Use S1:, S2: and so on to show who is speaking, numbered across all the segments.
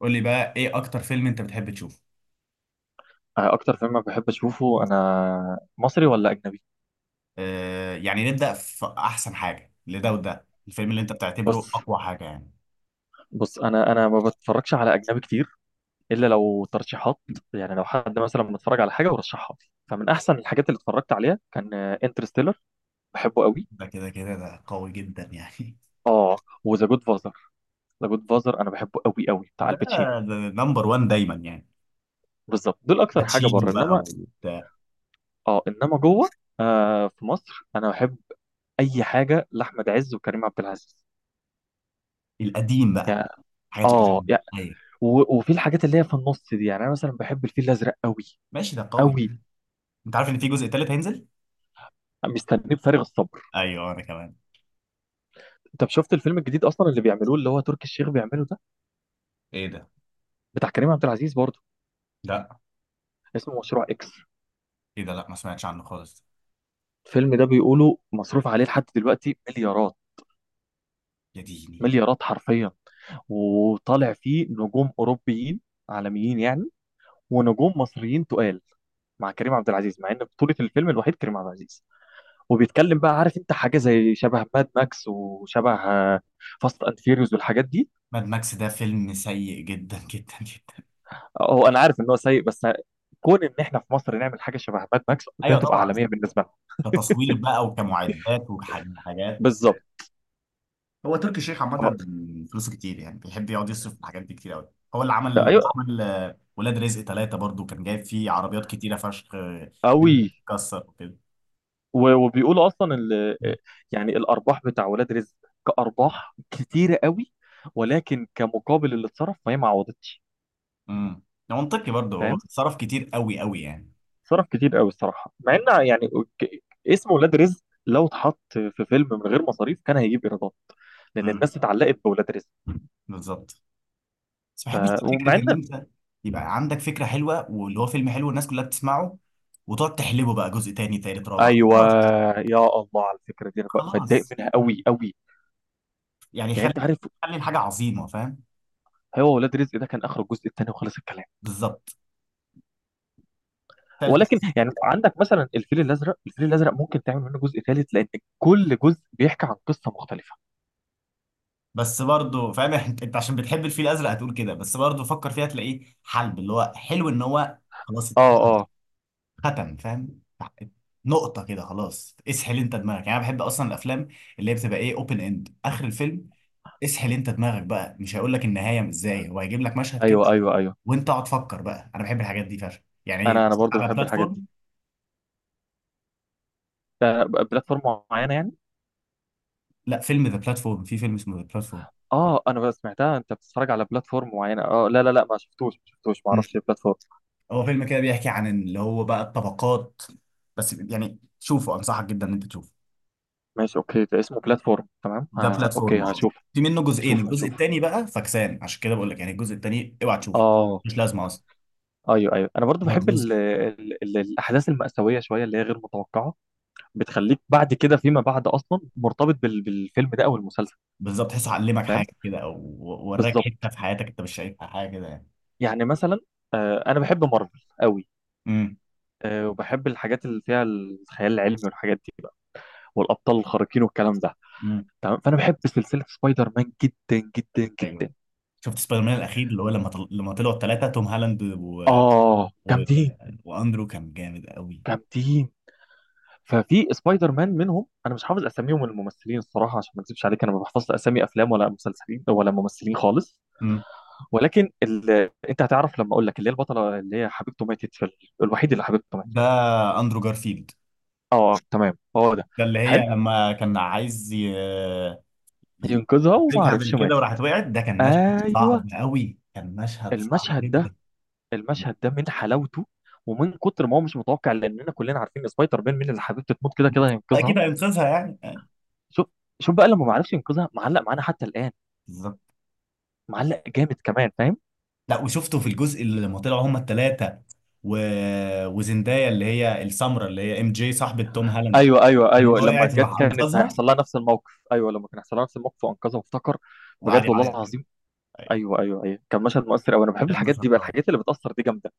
S1: قول لي بقى ايه اكتر فيلم انت بتحب تشوفه؟
S2: اكتر فيلم بحب اشوفه، انا مصري ولا اجنبي؟
S1: آه يعني نبدأ في احسن حاجة لده، وده الفيلم اللي انت بتعتبره
S2: بص،
S1: اقوى حاجة يعني.
S2: بص، انا ما بتفرجش على اجنبي كتير، الا لو ترشيحات. يعني لو حد مثلا بنتفرج على حاجه ورشحها لي، فمن احسن الحاجات اللي اتفرجت عليها كان انترستيلر. بحبه قوي.
S1: ده كده كده قوي جدا يعني.
S2: اه، وذا جود فازر. ذا جود فازر انا بحبه قوي قوي، بتاع
S1: ده
S2: الباتشينو.
S1: ده نمبر وان دايما يعني.
S2: بالظبط، دول اكتر حاجه
S1: باتشينو
S2: بره.
S1: بقى
S2: انما
S1: وبتاع.
S2: اه، انما جوه. آه، في مصر انا بحب اي حاجه لاحمد عز وكريم عبد العزيز.
S1: القديم بقى.
S2: يعني
S1: الحاجات
S2: اه
S1: القديمة
S2: يعني،
S1: ايوه.
S2: و- وفي الحاجات اللي هي في النص دي يعني، انا مثلا بحب الفيل الازرق قوي.
S1: ماشي ده قوي.
S2: قوي.
S1: انت عارف ان في جزء تالت هينزل؟
S2: مستنيه بفارغ الصبر.
S1: ايوه انا كمان.
S2: انت شفت الفيلم الجديد اصلا اللي بيعملوه، اللي هو تركي الشيخ بيعمله ده؟
S1: ايه ده
S2: بتاع كريم عبد العزيز برضه.
S1: لا
S2: اسمه مشروع اكس.
S1: ايه ده لا ما سمعتش عنه خالص.
S2: الفيلم ده بيقولوا مصروف عليه لحد دلوقتي مليارات.
S1: يا ديني.
S2: مليارات حرفيا. وطالع فيه نجوم اوروبيين، عالميين يعني، ونجوم مصريين تقال، مع كريم عبد العزيز، مع ان بطولة الفيلم الوحيد كريم عبد العزيز. وبيتكلم بقى، عارف انت، حاجة زي شبه ماد ماكس، وشبه فاست اند فيريوز والحاجات دي.
S1: ماد ماكس ده فيلم سيء جدا جدا جدا.
S2: هو انا عارف ان هو سيء، بس كون ان احنا في مصر نعمل حاجه شبه ماد ماكس ده،
S1: ايوه
S2: تبقى
S1: طبعا.
S2: عالميه بالنسبه لهم.
S1: كتصوير بقى وكمعدات وحاجات.
S2: بالظبط.
S1: هو تركي الشيخ عامة فلوسه كتير، يعني بيحب يقعد يصرف في الحاجات دي كتير قوي. هو اللي عمل
S2: آه،
S1: لما
S2: ايوه،
S1: عمل ولاد رزق ثلاثة برضو، كان جايب فيه عربيات كتيرة فشخ
S2: قوي.
S1: كسر وكده.
S2: وبيقولوا اصلا يعني الارباح بتاع ولاد رزق كارباح كتيره قوي، ولكن كمقابل اللي اتصرف، فهي ما عوضتش.
S1: امم ده منطقي برضو، هو
S2: فاهم.
S1: صرف كتير قوي قوي يعني.
S2: صرف كتير قوي الصراحه، مع ان يعني، ك- اسم ولاد رزق لو اتحط في فيلم من غير مصاريف كان هيجيب ايرادات، لان
S1: امم
S2: الناس اتعلقت بولاد رزق.
S1: بالظبط. بس ما
S2: ف...
S1: بحبش
S2: ومع
S1: فكرة ان
S2: ان.
S1: انت يبقى عندك فكرة حلوة واللي هو فيلم حلو الناس كلها بتسمعه، وتقعد تحلبه بقى جزء تاني تالت رابع
S2: ايوه.
S1: خلاص.
S2: يا الله على الفكره دي، انا ب- بتضايق
S1: خلاص
S2: منها قوي قوي،
S1: يعني
S2: يعني
S1: خلي،
S2: انت عارف.
S1: خلي الحاجة عظيمة فاهم.
S2: هو ولاد رزق ده كان اخر الجزء الثاني وخلص الكلام،
S1: بالظبط. ثالث.
S2: ولكن يعني عندك مثلا الفيل الازرق. الفيل الازرق ممكن تعمل منه جزء ثالث، لان كل جزء بيحكي عن قصه مختلفه.
S1: بس برضه فاهم انت، عشان بتحب الفيل الازرق هتقول كده، بس برضه فكر فيها تلاقيه حلب، اللي هو حلو ان هو خلاص
S2: اه،
S1: اتختم.
S2: اه،
S1: ختم، فاهم. نقطة كده خلاص، اسحل انت دماغك. يعني انا بحب اصلا الافلام اللي هي بتبقى ايه، اوبن اند اخر الفيلم. اسحل انت دماغك بقى، مش هيقول لك النهاية ازاي، هو هيجيب لك مشهد كده
S2: ايوه، ايوه، ايوه.
S1: وانت اقعد فكر بقى. انا بحب الحاجات دي فشخ
S2: انا
S1: يعني،
S2: انا برضو
S1: على
S2: بحب الحاجات دي.
S1: بلاتفورم.
S2: ده ب- بلاتفورم معينه يعني.
S1: لا، فيلم ذا بلاتفورم، في فيلم اسمه ذا بلاتفورم.
S2: اه، انا بس سمعتها انت بتتفرج على بلاتفورم معينه. اه، لا لا لا، ما شفتوش، ما شفتوش، ما اعرفش ايه بلاتفورم.
S1: هو فيلم كده بيحكي عن اللي هو بقى الطبقات، بس يعني شوفه، انصحك جدا ان انت تشوفه.
S2: ماشي، اوكي. ده اسمه بلاتفورم، تمام.
S1: ده
S2: آه،
S1: بلاتفورم
S2: اوكي،
S1: اهو.
S2: هشوف.
S1: في منه جزئين،
S2: هشوف.
S1: الجزء
S2: هشوف.
S1: التاني بقى فكسان، عشان كده بقول لك يعني الجزء التاني اوعى تشوفه،
S2: اه،
S1: مش لازمه اصلا.
S2: ايوه، ايوه. انا برضو
S1: هو
S2: بحب
S1: جزء.
S2: ال ال ال الاحداث المأساوية شوية، اللي هي غير متوقعة. بتخليك بعد كده، فيما بعد، اصلا مرتبط بالفيلم ده او المسلسل.
S1: بالظبط تحسه علمك
S2: فاهم.
S1: حاجه كده، او وراك حته
S2: بالظبط.
S1: في حياتك انت مش شايفها حاجه كده يعني.
S2: يعني مثلا، آه، انا بحب مارفل قوي.
S1: امم
S2: آه، وبحب الحاجات اللي فيها الخيال العلمي والحاجات دي بقى، والابطال الخارقين والكلام ده.
S1: امم
S2: تمام. فانا بحب سلسلة سبايدر مان جدا جدا
S1: ايوه.
S2: جدا.
S1: شفت سبايدر مان الاخير اللي هو لما لما طلعوا الثلاثه، توم هالاند
S2: اه،
S1: و...
S2: جامدين.
S1: واندرو، كان جامد قوي.
S2: جامدين. ففي سبايدر مان منهم، انا مش حافظ اساميهم الممثلين الصراحه، عشان ما اكذبش عليك، انا ما بحفظش اسامي افلام ولا مسلسلين ولا ممثلين خالص.
S1: امم.
S2: ولكن انت هتعرف لما اقول لك، اللي هي البطله، اللي هي حبيبته ماتت في الوحيد اللي حبيبته
S1: ده
S2: ماتت.
S1: اندرو جارفيلد.
S2: اه، تمام، هو ده.
S1: ده اللي
S2: حلو.
S1: هي لما كان عايز ي-
S2: ينقذها وما
S1: يمسكها
S2: عرفش
S1: بالكده
S2: ماتت.
S1: وراحت وقعت، ده كان مشهد
S2: ايوه.
S1: صعب قوي، كان مشهد صعب
S2: المشهد
S1: جدا.
S2: ده، المشهد ده من حلاوته، ومن كتر ما هو مش متوقع، لاننا كلنا عارفين سبايدر مان، مين اللي حبيبته تموت كده كده هينقذها.
S1: اكيد هينقذها يعني.
S2: شوف، شوف بقى لما ما عرفش ينقذها، معلق معانا حتى الان.
S1: بالظبط.
S2: معلق جامد كمان، فاهم.
S1: لا وشفته في الجزء اللي لما طلعوا هما الثلاثه و... وزندايا اللي هي السمراء اللي هي ام جي صاحبه توم هالاند،
S2: ايوه، ايوه، ايوه،
S1: لما
S2: لما
S1: وقعت
S2: جت
S1: وراح
S2: كانت
S1: انقذها
S2: هيحصل لها نفس الموقف. ايوه، لما كان هيحصل لها نفس الموقف وانقذها، وافتكر.
S1: وقعد
S2: بجد والله
S1: يعيط كده.
S2: العظيم.
S1: ايوه.
S2: ايوه، ايوه، ايوه، كان مشهد مؤثر قوي. انا بحب
S1: لما
S2: الحاجات دي بقى،
S1: شكرها.
S2: الحاجات اللي بتاثر دي جامده.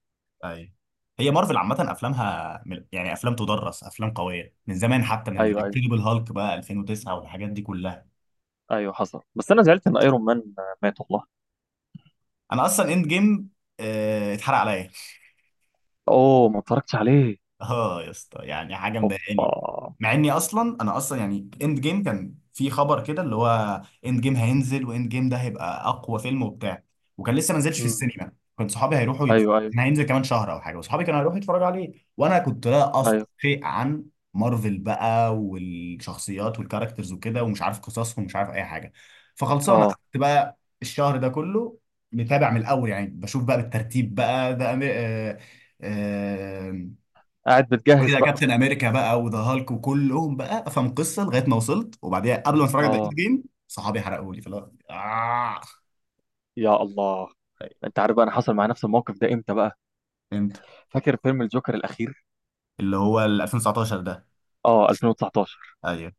S1: ايوه. هي مارفل عامه افلامها يعني افلام تدرس، افلام قويه من زمان، حتى من
S2: ايوه، ايوه،
S1: انكريدبل هالك بقى 2009 والحاجات دي كلها.
S2: ايوه، حصل. بس انا زعلت ان ايرون مان مات والله.
S1: انا اصلا اند جيم اتحرق عليا.
S2: اوه، ما اتفرجتش عليه.
S1: اه يا اسطى، يعني حاجه
S2: اوبا.
S1: مضايقاني. مع اني اصلا، انا اصلا يعني اند جيم كان في خبر كده اللي هو اند جيم هينزل، واند جيم ده هيبقى اقوى فيلم وبتاع، وكان لسه ما نزلش في
S2: امم
S1: السينما، كنت صحابي هيروحوا
S2: ايوه، ايوه،
S1: كان هينزل كمان شهر او حاجه، وصحابي كانوا هيروحوا يتفرجوا عليه، وانا كنت لا افقه
S2: ايوه.
S1: شيء عن مارفل بقى والشخصيات والكاركترز وكده، ومش عارف قصصهم ومش عارف اي حاجه. فخلصانه
S2: اه.
S1: قعدت بقى الشهر ده كله متابع من الاول، يعني بشوف بقى بالترتيب بقى ده أمي... آه... آه،
S2: قاعد
S1: وإيه
S2: بتجهز
S1: ده،
S2: بقى.
S1: كابتن امريكا بقى وذا هالك وكلهم بقى، افهم قصه لغايه ما وصلت، وبعديها قبل ما اتفرج على اند
S2: اه،
S1: جيم صحابي حرقوا لي فلا آه.
S2: يا الله.
S1: طيب،
S2: انت عارف بقى، انا حصل معايا نفس الموقف ده امتى بقى؟
S1: انت
S2: فاكر فيلم الجوكر الاخير؟
S1: اللي هو ال 2019 ده؟
S2: اه، 2019.
S1: ايوه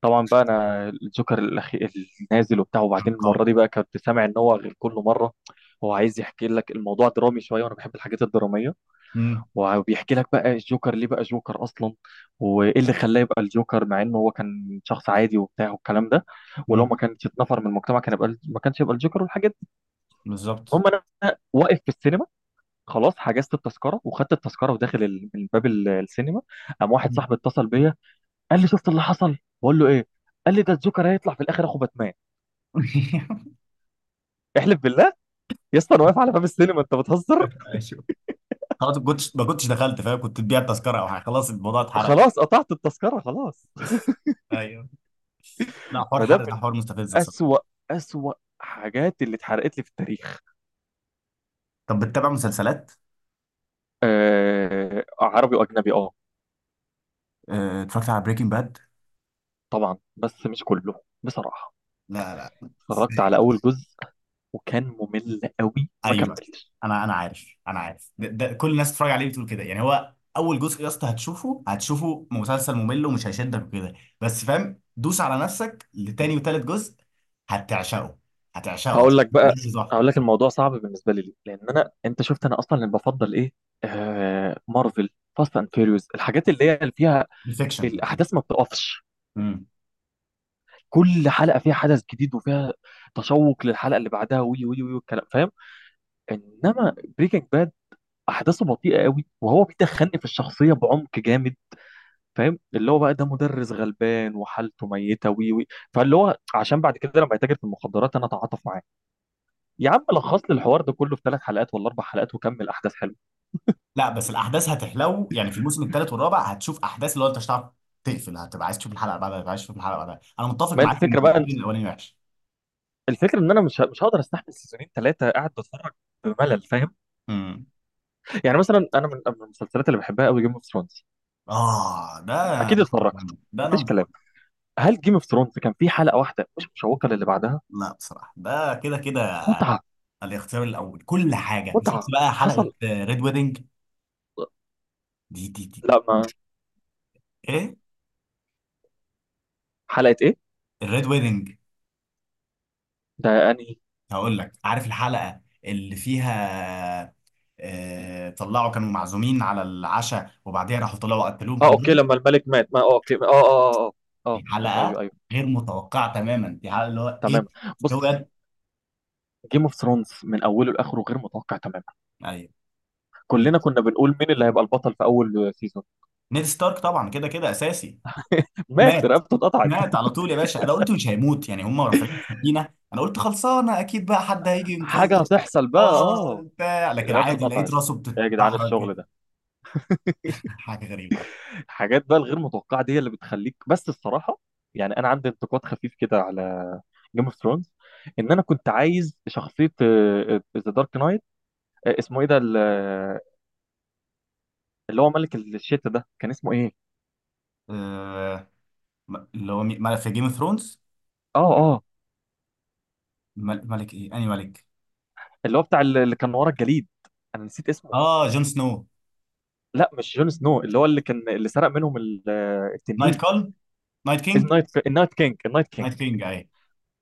S2: طبعا بقى، انا الجوكر الاخير، النازل وبتاع،
S1: كان
S2: وبعدين المره
S1: قوي.
S2: دي بقى كنت سامع ان هو غير كل مره. هو عايز يحكي لك الموضوع درامي شويه، وانا بحب الحاجات الدراميه.
S1: أمم،
S2: وبيحكي لك بقى الجوكر ليه بقى جوكر اصلا، وايه اللي خلاه يبقى الجوكر، مع انه هو كان شخص عادي وبتاع والكلام ده. ولو
S1: أمم،
S2: ما كانش اتنفر من المجتمع كان يبقى، ما كانش يبقى الجوكر والحاجات دي.
S1: بالظبط.
S2: المهم، انا واقف في السينما، خلاص حجزت التذكره وخدت التذكره، وداخل من باب السينما. قام واحد
S1: مم.
S2: صاحبي اتصل بيا، قال لي شفت اللي حصل؟ بقول له ايه؟ قال لي ده الجوكر هيطلع في الاخر اخو باتمان. احلف بالله. يا اسطى انا واقف على باب السينما، انت بتهزر.
S1: ايوه خلاص، ما كنتش، دخلت فاهم، كنت تبيع التذكره او حاجه، خلاص الموضوع اتحرق يعني.
S2: خلاص قطعت التذكره خلاص.
S1: ايوه. لا حوار
S2: فده
S1: حرق
S2: من
S1: ده حوار مستفز بصراحه.
S2: اسوأ، اسوأ حاجات اللي اتحرقت لي في التاريخ.
S1: طب بتتابع مسلسلات؟
S2: آه، عربي واجنبي، اه.
S1: آه، اتفرجت على بريكنج باد.
S2: طبعا بس مش كله بصراحه.
S1: لا لا.
S2: اتفرجت على اول جزء، وكان ممل قوي، ما
S1: ايوه
S2: كملتش.
S1: انا عارف، ده, ده كل الناس بتتفرج عليه بتقول كده. يعني هو اول جزء يا اسطى هتشوفه، هتشوفه مسلسل ممل ومش هيشدك وكده، بس فاهم دوس على نفسك لتاني وتالت جزء هتعشقه، هتعشقه
S2: هقول
S1: هتشوفه
S2: لك بقى،
S1: بجد
S2: هقول
S1: تحفه.
S2: لك الموضوع صعب بالنسبه لي ليه؟ لان انا، انت شفت، انا اصلا اللي بفضل ايه؟ آه، مارفل. فاست اند فيريوس، الحاجات اللي هي اللي فيها
S1: بالفيكشن جدا.
S2: الاحداث ما بتقفش،
S1: امم.
S2: كل حلقه فيها حدث جديد، وفيها تشوق للحلقه اللي بعدها، وي وي وي والكلام، فاهم. انما بريكنج باد احداثه بطيئه قوي، وهو بيدخلني في الشخصيه بعمق جامد، فاهم؟ اللي هو بقى ده مدرس غلبان وحالته ميته، وي وي. فاللي هو عشان بعد كده لما يتاجر في المخدرات، انا اتعاطف معاه. يا عم لخص لي الحوار ده كله في ثلاث حلقات ولا اربع حلقات، وكمل احداث حلوه.
S1: لا بس الاحداث هتحلو يعني في الموسم التالت والرابع، هتشوف احداث اللي هو انت مش هتعرف تقفل، هتبقى عايز تشوف الحلقه اللي بعدها، هتبقى عايز تشوف الحلقه اللي بعدها. انا متفق
S2: ما هي
S1: معاك ان
S2: الفكره بقى،
S1: السيزون الاولاني وحش.
S2: الفكره ان انا مش هقدر استحمل سيزونين ثلاثه قاعد بتفرج بملل، فاهم.
S1: امم.
S2: يعني مثلا، انا من المسلسلات اللي بحبها قوي جيم اوف ثرونز.
S1: اه ده
S2: اكيد
S1: نمبر
S2: اتفرجت.
S1: واحد، ده
S2: مفيش
S1: نمبر
S2: كلام.
S1: 1.
S2: هل جيم اوف ثرونز كان فيه حلقه واحده مش مشوقه للي بعدها؟
S1: لا بصراحه ده كده كده
S2: متعه.
S1: الاختيار الاول. كل حاجه. شفت
S2: متعه
S1: بقى حلقه
S2: حصل.
S1: ريد ويدنج؟ دي
S2: لا، ما.
S1: ايه.
S2: حلقه ايه؟
S1: الريد ويدنج.
S2: ده انهي؟
S1: هقول لك، عارف الحلقه اللي فيها آه طلعوا كانوا معزومين على العشاء وبعديها راحوا طلعوا قتلوهم
S2: اه، اوكي،
S1: كلهم.
S2: لما الملك مات، ما، اه، اوكي، اه، اه، اه. اه.
S1: دي
S2: اه، ايوه،
S1: حلقه
S2: ايوه،
S1: غير متوقعه تماما، دي حلقه اللي هو ايه،
S2: تمام. بص.
S1: هو ده؟
S2: جيم اوف ثرونز من اوله لاخره غير متوقع تماما.
S1: ايوه. كل،
S2: كلنا كنا بنقول مين اللي هيبقى البطل في اول سيزون؟
S1: نيد ستارك طبعا كده كده اساسي.
S2: مات،
S1: مات.
S2: رقبته اتقطعت.
S1: مات على طول يا باشا، انا قلت مش هيموت، يعني هم رافعين السكينه انا قلت خلصانه اكيد بقى حد هيجي
S2: حاجه
S1: ينقذه،
S2: هتحصل بقى،
S1: اه
S2: اه.
S1: بتاع، لكن
S2: رقبته
S1: عادي لقيت
S2: اتقطعت.
S1: راسه
S2: إيه يا جدعان
S1: بتتدحرج
S2: الشغل
S1: كده.
S2: ده؟
S1: حاجه غريبه جدا.
S2: الحاجات بقى الغير متوقعه دي هي اللي بتخليك بس الصراحه. يعني انا عندي انتقاد خفيف كده على جيم اوف ثرونز، ان انا كنت عايز شخصيه ذا دارك نايت، اسمه ايه ده اللي هو ملك الشتا ده، كان اسمه ايه؟
S1: آه اللي هو ملك في جيم اوف ثرونز؟
S2: اه، اه،
S1: ملك ايه، انهي ملك؟
S2: اللي هو بتاع اللي كان ورا الجليد، انا نسيت اسمه.
S1: اه جون سنو.
S2: لا مش جون سنو، اللي هو اللي كان اللي سرق منهم آه،
S1: نايت
S2: التنين.
S1: كول، نايت كينج.
S2: النايت كينج، النايت كينج،
S1: نايت كينج اي.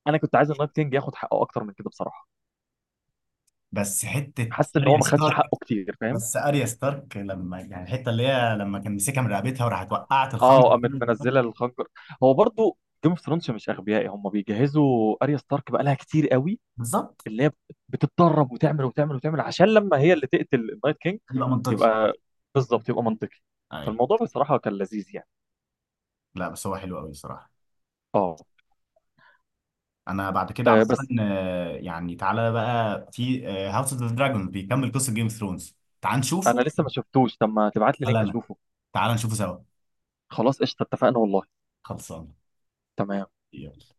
S2: انا كنت عايز النايت كينج ياخد حقه اكتر من كده بصراحه.
S1: بس حته
S2: حاسس ان هو
S1: اريا
S2: ما خدش
S1: ستارك،
S2: حقه كتير، فاهم.
S1: بس اريا ستارك لما يعني الحته اللي هي لما كان مسكها من رقبتها وراحت وقعت الخنجر
S2: اه، قامت
S1: كده.
S2: منزله الخنجر. هو برضو جيم اوف ثرونز مش اغبياء، هم بيجهزوا اريا ستارك بقى لها كتير قوي.
S1: بالظبط
S2: اللي هي بتتدرب وتعمل وتعمل وتعمل، عشان لما هي اللي تقتل النايت كينج
S1: يبقى منطقي.
S2: يبقى. بالظبط يبقى منطقي.
S1: اي.
S2: فالموضوع بصراحه كان لذيذ يعني.
S1: لا بس هو حلو قوي الصراحه.
S2: اه.
S1: انا بعد كده عامه
S2: آه، بس.
S1: آه، يعني تعالى بقى في هاوس اوف ذا دراجون بيكمل قصه جيم اوف ثرونز، تعال نشوفه.
S2: انا لسه ما شفتوش، طب ما تبعت لي
S1: ولا
S2: لينك
S1: انا.
S2: اشوفه.
S1: تعال نشوفه سوا.
S2: خلاص قشطه، اتفقنا والله.
S1: خلصان.
S2: تمام.
S1: يلا.